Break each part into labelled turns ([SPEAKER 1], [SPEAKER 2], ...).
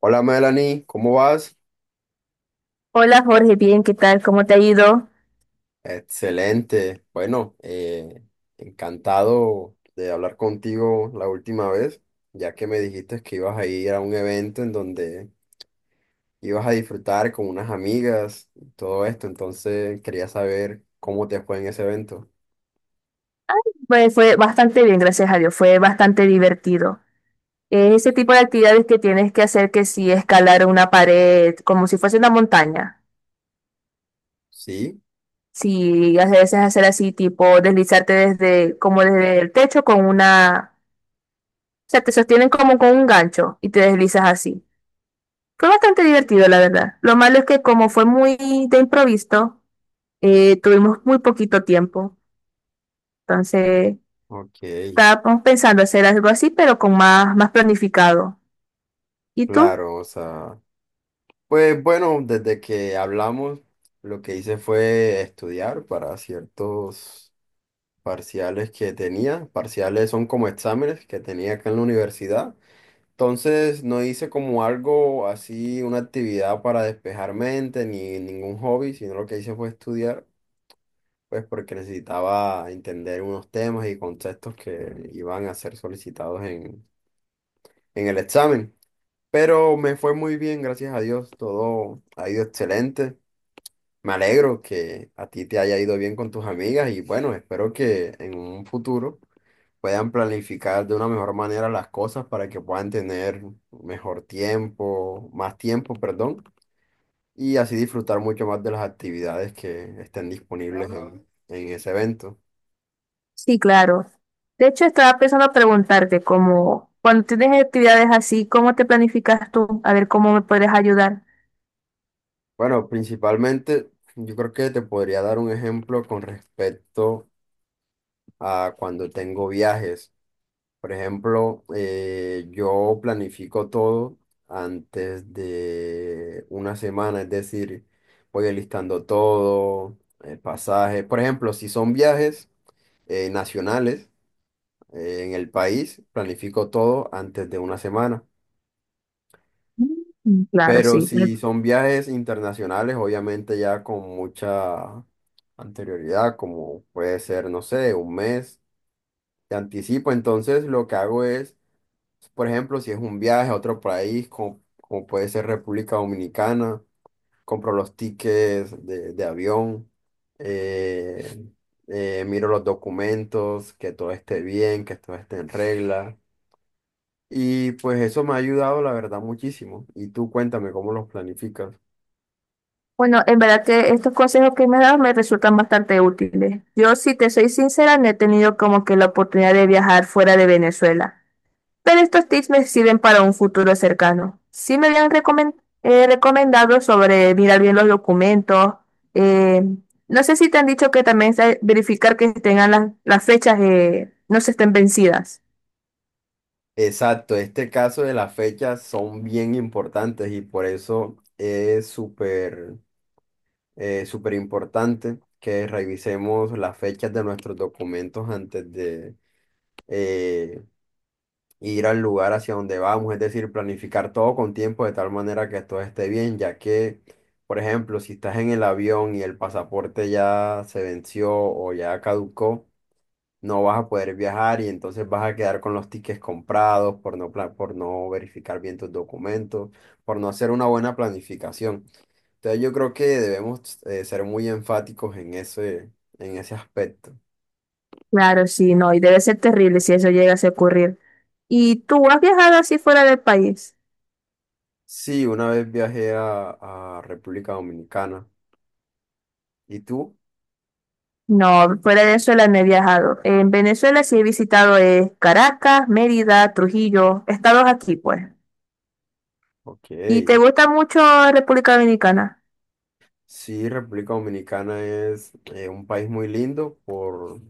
[SPEAKER 1] Hola Melanie, ¿cómo vas?
[SPEAKER 2] Hola Jorge, bien, ¿qué tal? ¿Cómo te ha ido?
[SPEAKER 1] Excelente. Bueno, encantado de hablar contigo la última vez, ya que me dijiste que ibas a ir a un evento en donde ibas a disfrutar con unas amigas y todo esto, entonces quería saber cómo te fue en ese evento.
[SPEAKER 2] Pues fue bastante bien, gracias a Dios, fue bastante divertido. Es ese tipo de actividades que tienes que hacer, que si escalar una pared como si fuese una montaña.
[SPEAKER 1] Sí,
[SPEAKER 2] Si a veces hacer así, tipo deslizarte desde, como desde el techo con una, o sea, te sostienen como con un gancho y te deslizas así. Fue bastante divertido, la verdad. Lo malo es que como fue muy de improviso, tuvimos muy poquito tiempo. Entonces...
[SPEAKER 1] ok,
[SPEAKER 2] Estábamos pensando hacer algo así, pero con más planificado. ¿Y tú?
[SPEAKER 1] claro, o sea, pues bueno, desde que hablamos, lo que hice fue estudiar para ciertos parciales que tenía. Parciales son como exámenes que tenía acá en la universidad. Entonces no hice como algo así, una actividad para despejar mente ni ningún hobby, sino lo que hice fue estudiar, pues porque necesitaba entender unos temas y conceptos que iban a ser solicitados en el examen. Pero me fue muy bien, gracias a Dios, todo ha ido excelente. Me alegro que a ti te haya ido bien con tus amigas y bueno, espero que en un futuro puedan planificar de una mejor manera las cosas para que puedan tener mejor tiempo, más tiempo, perdón, y así disfrutar mucho más de las actividades que estén disponibles en ese evento.
[SPEAKER 2] Sí, claro. De hecho, estaba pensando preguntarte cómo, cuando tienes actividades así, ¿cómo te planificas tú? A ver cómo me puedes ayudar.
[SPEAKER 1] Bueno, principalmente yo creo que te podría dar un ejemplo con respecto a cuando tengo viajes. Por ejemplo, yo planifico todo antes de una semana, es decir, voy alistando todo, el pasaje. Por ejemplo, si son viajes nacionales en el país, planifico todo antes de una semana.
[SPEAKER 2] Mm, claro,
[SPEAKER 1] Pero
[SPEAKER 2] sí. Me-
[SPEAKER 1] si son viajes internacionales, obviamente ya con mucha anterioridad, como puede ser, no sé, un mes, de anticipo. Entonces, lo que hago es por ejemplo, si es un viaje a otro país, como, como puede ser República Dominicana, compro los tickets de avión, eh, miro los documentos, que todo esté bien, que todo esté en regla. Y pues eso me ha ayudado, la verdad, muchísimo. Y tú cuéntame cómo los planificas.
[SPEAKER 2] Bueno, en verdad que estos consejos que me has dado me resultan bastante útiles. Yo, si te soy sincera, no he tenido como que la oportunidad de viajar fuera de Venezuela. Pero estos tips me sirven para un futuro cercano. Sí me habían recomen- recomendado sobre mirar bien los documentos. eh, no sé si te han dicho que también se- verificar que tengan las fechas, no se estén vencidas.
[SPEAKER 1] Exacto, este caso de las fechas son bien importantes y por eso es súper importante que revisemos las fechas de nuestros documentos antes de eh, ir al lugar hacia donde vamos, es decir, planificar todo con tiempo de tal manera que todo esté bien, ya que, por ejemplo, si estás en el avión y el pasaporte ya se venció o ya caducó, no vas a poder viajar y entonces vas a quedar con los tickets comprados por no verificar bien tus documentos, por no hacer una buena planificación. Entonces yo creo que debemos ser muy enfáticos en ese aspecto.
[SPEAKER 2] Claro, sí, no, y debe ser terrible si eso llegase a ocurrir. ¿Y tú has viajado así fuera del país?
[SPEAKER 1] Sí, una vez viajé a República Dominicana. ¿Y tú?
[SPEAKER 2] No, fuera de Venezuela no he viajado. En Venezuela sí he visitado Caracas, Mérida, Trujillo, estados aquí, pues.
[SPEAKER 1] Ok.
[SPEAKER 2] ¿Y te gusta mucho República Dominicana?
[SPEAKER 1] Sí, República Dominicana es un país muy lindo por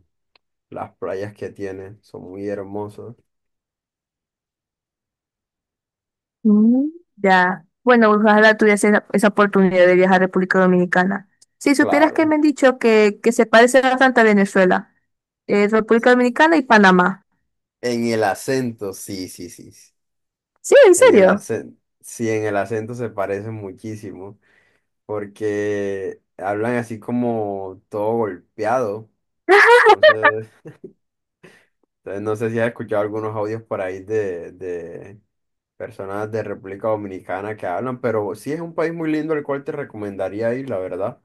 [SPEAKER 1] las playas que tiene, son muy hermosas.
[SPEAKER 2] Mm, ya. Bueno, ojalá tuviese esa oportunidad de viajar a República Dominicana. Si supieras que
[SPEAKER 1] Claro.
[SPEAKER 2] me han dicho que se parece bastante a Venezuela, República Dominicana y Panamá.
[SPEAKER 1] En el acento, sí, sí, sí, sí.
[SPEAKER 2] Sí, en
[SPEAKER 1] En el
[SPEAKER 2] serio.
[SPEAKER 1] acento, sí, en el acento se parecen muchísimo, porque hablan así como todo golpeado. Entonces, entonces no sé si has escuchado algunos audios por ahí de personas de República Dominicana que hablan, pero sí es un país muy lindo al cual te recomendaría ir, la verdad.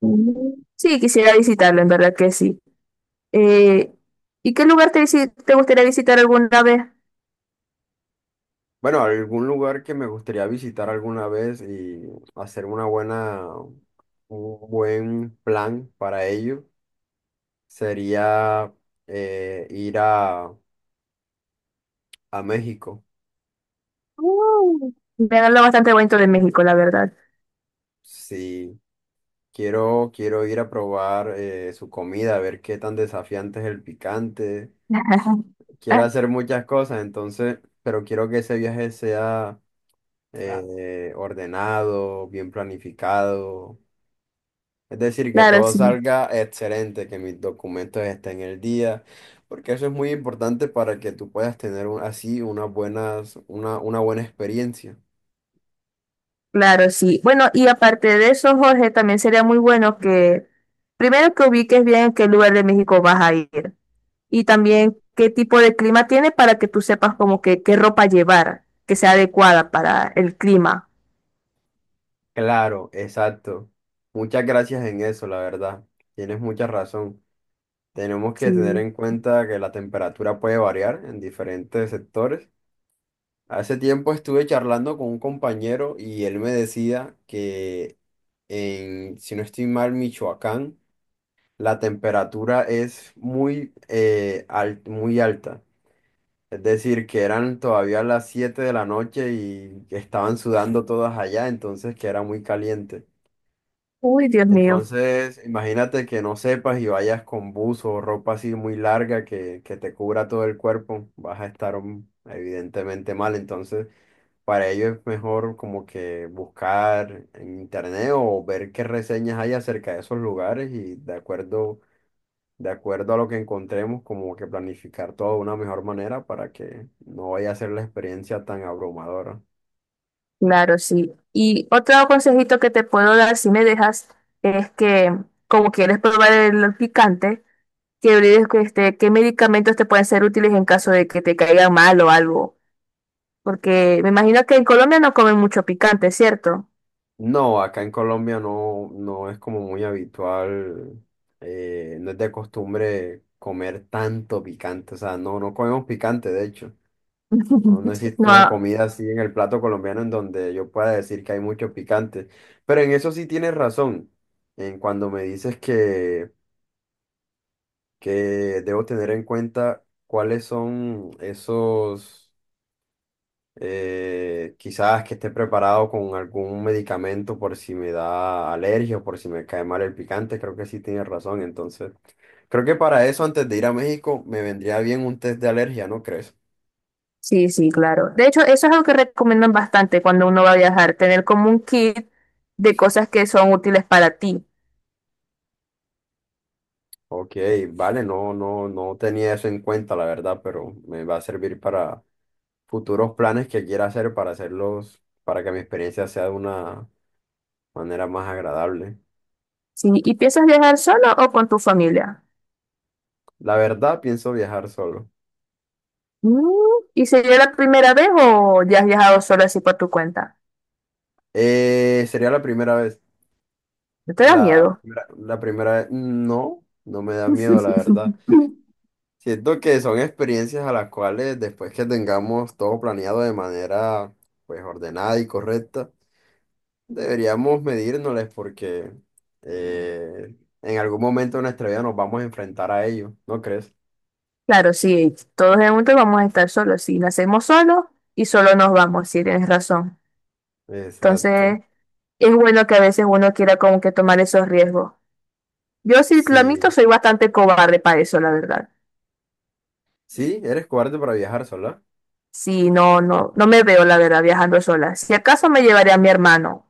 [SPEAKER 2] Mm. Sí, quisiera visitarlo, en verdad que sí. Eh, ¿Y qué lugar te, visi- te gustaría visitar alguna vez?
[SPEAKER 1] Bueno, algún lugar que me gustaría visitar alguna vez y hacer una buena, un buen plan para ello sería ir a México.
[SPEAKER 2] Mm, me han hablado bastante bonito de México, la verdad.
[SPEAKER 1] Sí, quiero, quiero ir a probar su comida, a ver qué tan desafiante es el picante. Quiero hacer muchas cosas, entonces, pero quiero que ese viaje sea ordenado, bien planificado. Es decir, que
[SPEAKER 2] Claro,
[SPEAKER 1] todo
[SPEAKER 2] sí.
[SPEAKER 1] salga excelente, que mis documentos estén en el día, porque eso es muy importante para que tú puedas tener así unas buenas, una buena experiencia.
[SPEAKER 2] Claro, sí. Bueno, y aparte de eso, Jorge, también sería muy bueno que primero que ubiques bien en qué lugar de México vas a ir, y también qué tipo de clima tiene, para que tú sepas como que qué ropa llevar, que sea adecuada para el clima.
[SPEAKER 1] Claro, exacto. Muchas gracias en eso, la verdad. Tienes mucha razón. Tenemos que tener
[SPEAKER 2] Sí.
[SPEAKER 1] en cuenta que la temperatura puede variar en diferentes sectores. Hace tiempo estuve charlando con un compañero y él me decía que en, si no estoy mal, Michoacán, la temperatura es muy alta. Es decir, que eran todavía las 7 de la noche y estaban sudando todas allá, entonces que era muy caliente.
[SPEAKER 2] Uy, Dios mío.
[SPEAKER 1] Entonces, imagínate que no sepas y vayas con buzo o ropa así muy larga que te cubra todo el cuerpo, vas a estar evidentemente mal. Entonces, para ello es mejor como que buscar en internet o ver qué reseñas hay acerca de esos lugares y de acuerdo a lo que encontremos, como que planificar todo de una mejor manera para que no vaya a ser la experiencia tan abrumadora.
[SPEAKER 2] Claro, sí. Y otro consejito que te puedo dar, si me dejas, es que como quieres probar el picante, que olvides que, este, qué medicamentos te pueden ser útiles en caso de que te caigan mal o algo. Porque me imagino que en Colombia no comen mucho picante, ¿cierto?
[SPEAKER 1] No, acá en Colombia no es como muy habitual, no es de costumbre comer tanto picante, o sea, no comemos picante, de hecho. No, no existe una
[SPEAKER 2] No,
[SPEAKER 1] comida así en el plato colombiano en donde yo pueda decir que hay mucho picante. Pero en eso sí tienes razón, en cuando me dices que debo tener en cuenta cuáles son esos quizás que esté preparado con algún medicamento por si me da alergia o por si me cae mal el picante, creo que sí tiene razón. Entonces, creo que para eso, antes de ir a México, me vendría bien un test de alergia, ¿no crees?
[SPEAKER 2] sí, sí, claro. De hecho, eso es algo que recomiendan bastante cuando uno va a viajar, tener como un kit de cosas que son útiles para ti.
[SPEAKER 1] Ok, vale, no, no, no tenía eso en cuenta, la verdad, pero me va a servir para futuros planes que quiera hacer para hacerlos, para que mi experiencia sea de una manera más agradable.
[SPEAKER 2] Sí, ¿y piensas viajar solo o con tu familia?
[SPEAKER 1] La verdad, pienso viajar solo.
[SPEAKER 2] Mm, ¿y sería la primera vez o ya has viajado solo así por tu cuenta?
[SPEAKER 1] Sería la primera vez.
[SPEAKER 2] ¿No te da
[SPEAKER 1] La,
[SPEAKER 2] miedo?
[SPEAKER 1] la primera vez, no, no me da miedo, la verdad. Siento que son experiencias a las cuales después que tengamos todo planeado de manera pues ordenada y correcta, deberíamos medírnosles porque eh, en algún momento de nuestra vida nos vamos a enfrentar a ello, ¿no crees?
[SPEAKER 2] Claro, sí, todos en un momento vamos a estar solos. Si nacemos solos y solo nos vamos, sí, tienes razón.
[SPEAKER 1] Exacto.
[SPEAKER 2] Entonces, es bueno que a veces uno quiera como que tomar esos riesgos. Yo sí, lo
[SPEAKER 1] Sí,
[SPEAKER 2] admito, soy bastante cobarde para eso, la verdad.
[SPEAKER 1] sí, eres cobarde para viajar sola.
[SPEAKER 2] Sí, no, no, no me veo, la verdad, viajando sola. Si acaso me llevaré a mi hermano,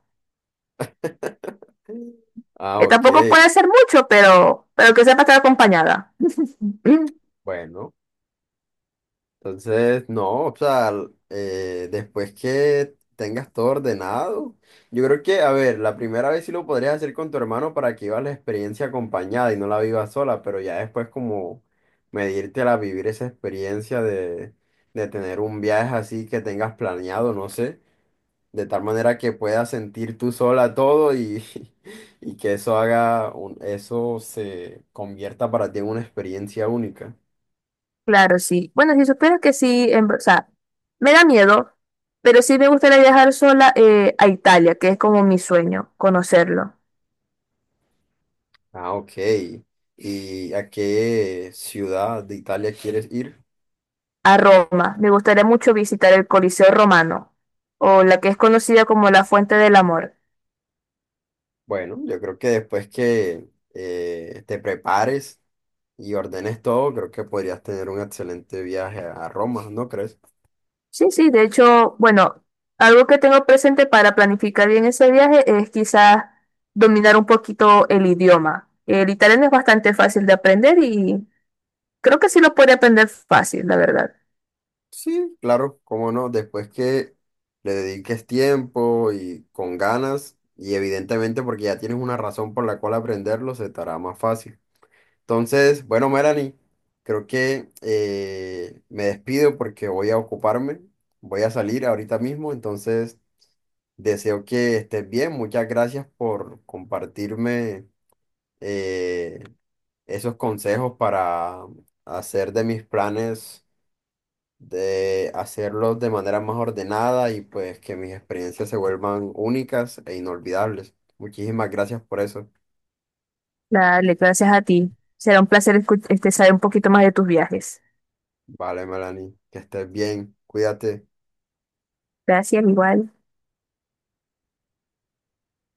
[SPEAKER 1] Ah,
[SPEAKER 2] que
[SPEAKER 1] ok.
[SPEAKER 2] tampoco puede ser mucho, pero que sepa estar acompañada. Mm,
[SPEAKER 1] Bueno. Entonces, no, o sea, después que tengas todo ordenado, yo creo que, a ver, la primera vez sí lo podrías hacer con tu hermano para que vivas la experiencia acompañada y no la vivas sola, pero ya después como medírtela, vivir esa experiencia de tener un viaje así que tengas planeado, no sé, de tal manera que puedas sentir tú sola todo y, y que eso haga, eso se convierta para ti en una experiencia única.
[SPEAKER 2] claro, sí. Bueno, si supieras que sí, en ver- o sea, me da miedo, pero sí me gustaría viajar sola a Italia, que es como mi sueño, conocerlo.
[SPEAKER 1] Ah, ok. ¿Y a qué ciudad de Italia quieres ir?
[SPEAKER 2] A Roma. Me gustaría mucho visitar el Coliseo Romano, o la que es conocida como la Fuente del Amor.
[SPEAKER 1] Bueno, yo creo que después que te prepares y ordenes todo, creo que podrías tener un excelente viaje a Roma, ¿no crees?
[SPEAKER 2] Sí, sí, de hecho, bueno, algo que tengo presente para planificar bien ese viaje es quizás dominar un poquito el idioma. El italiano es bastante fácil de aprender y creo que sí lo puede aprender fácil, la verdad.
[SPEAKER 1] Sí, claro, cómo no, después que le dediques tiempo y con ganas, y evidentemente porque ya tienes una razón por la cual aprenderlo, se te hará más fácil. Entonces, bueno, Melanie, creo que me despido porque voy a ocuparme, voy a salir ahorita mismo, entonces deseo que estés bien. Muchas gracias por compartirme eh, esos consejos para hacer de mis planes, de hacerlos de manera más ordenada y pues que mis experiencias se vuelvan únicas e inolvidables. Muchísimas gracias por eso.
[SPEAKER 2] Dale, gracias a ti. Será un placer escu- este, saber un poquito más de tus viajes.
[SPEAKER 1] Vale, Melanie, que estés bien, cuídate.
[SPEAKER 2] Gracias, igual.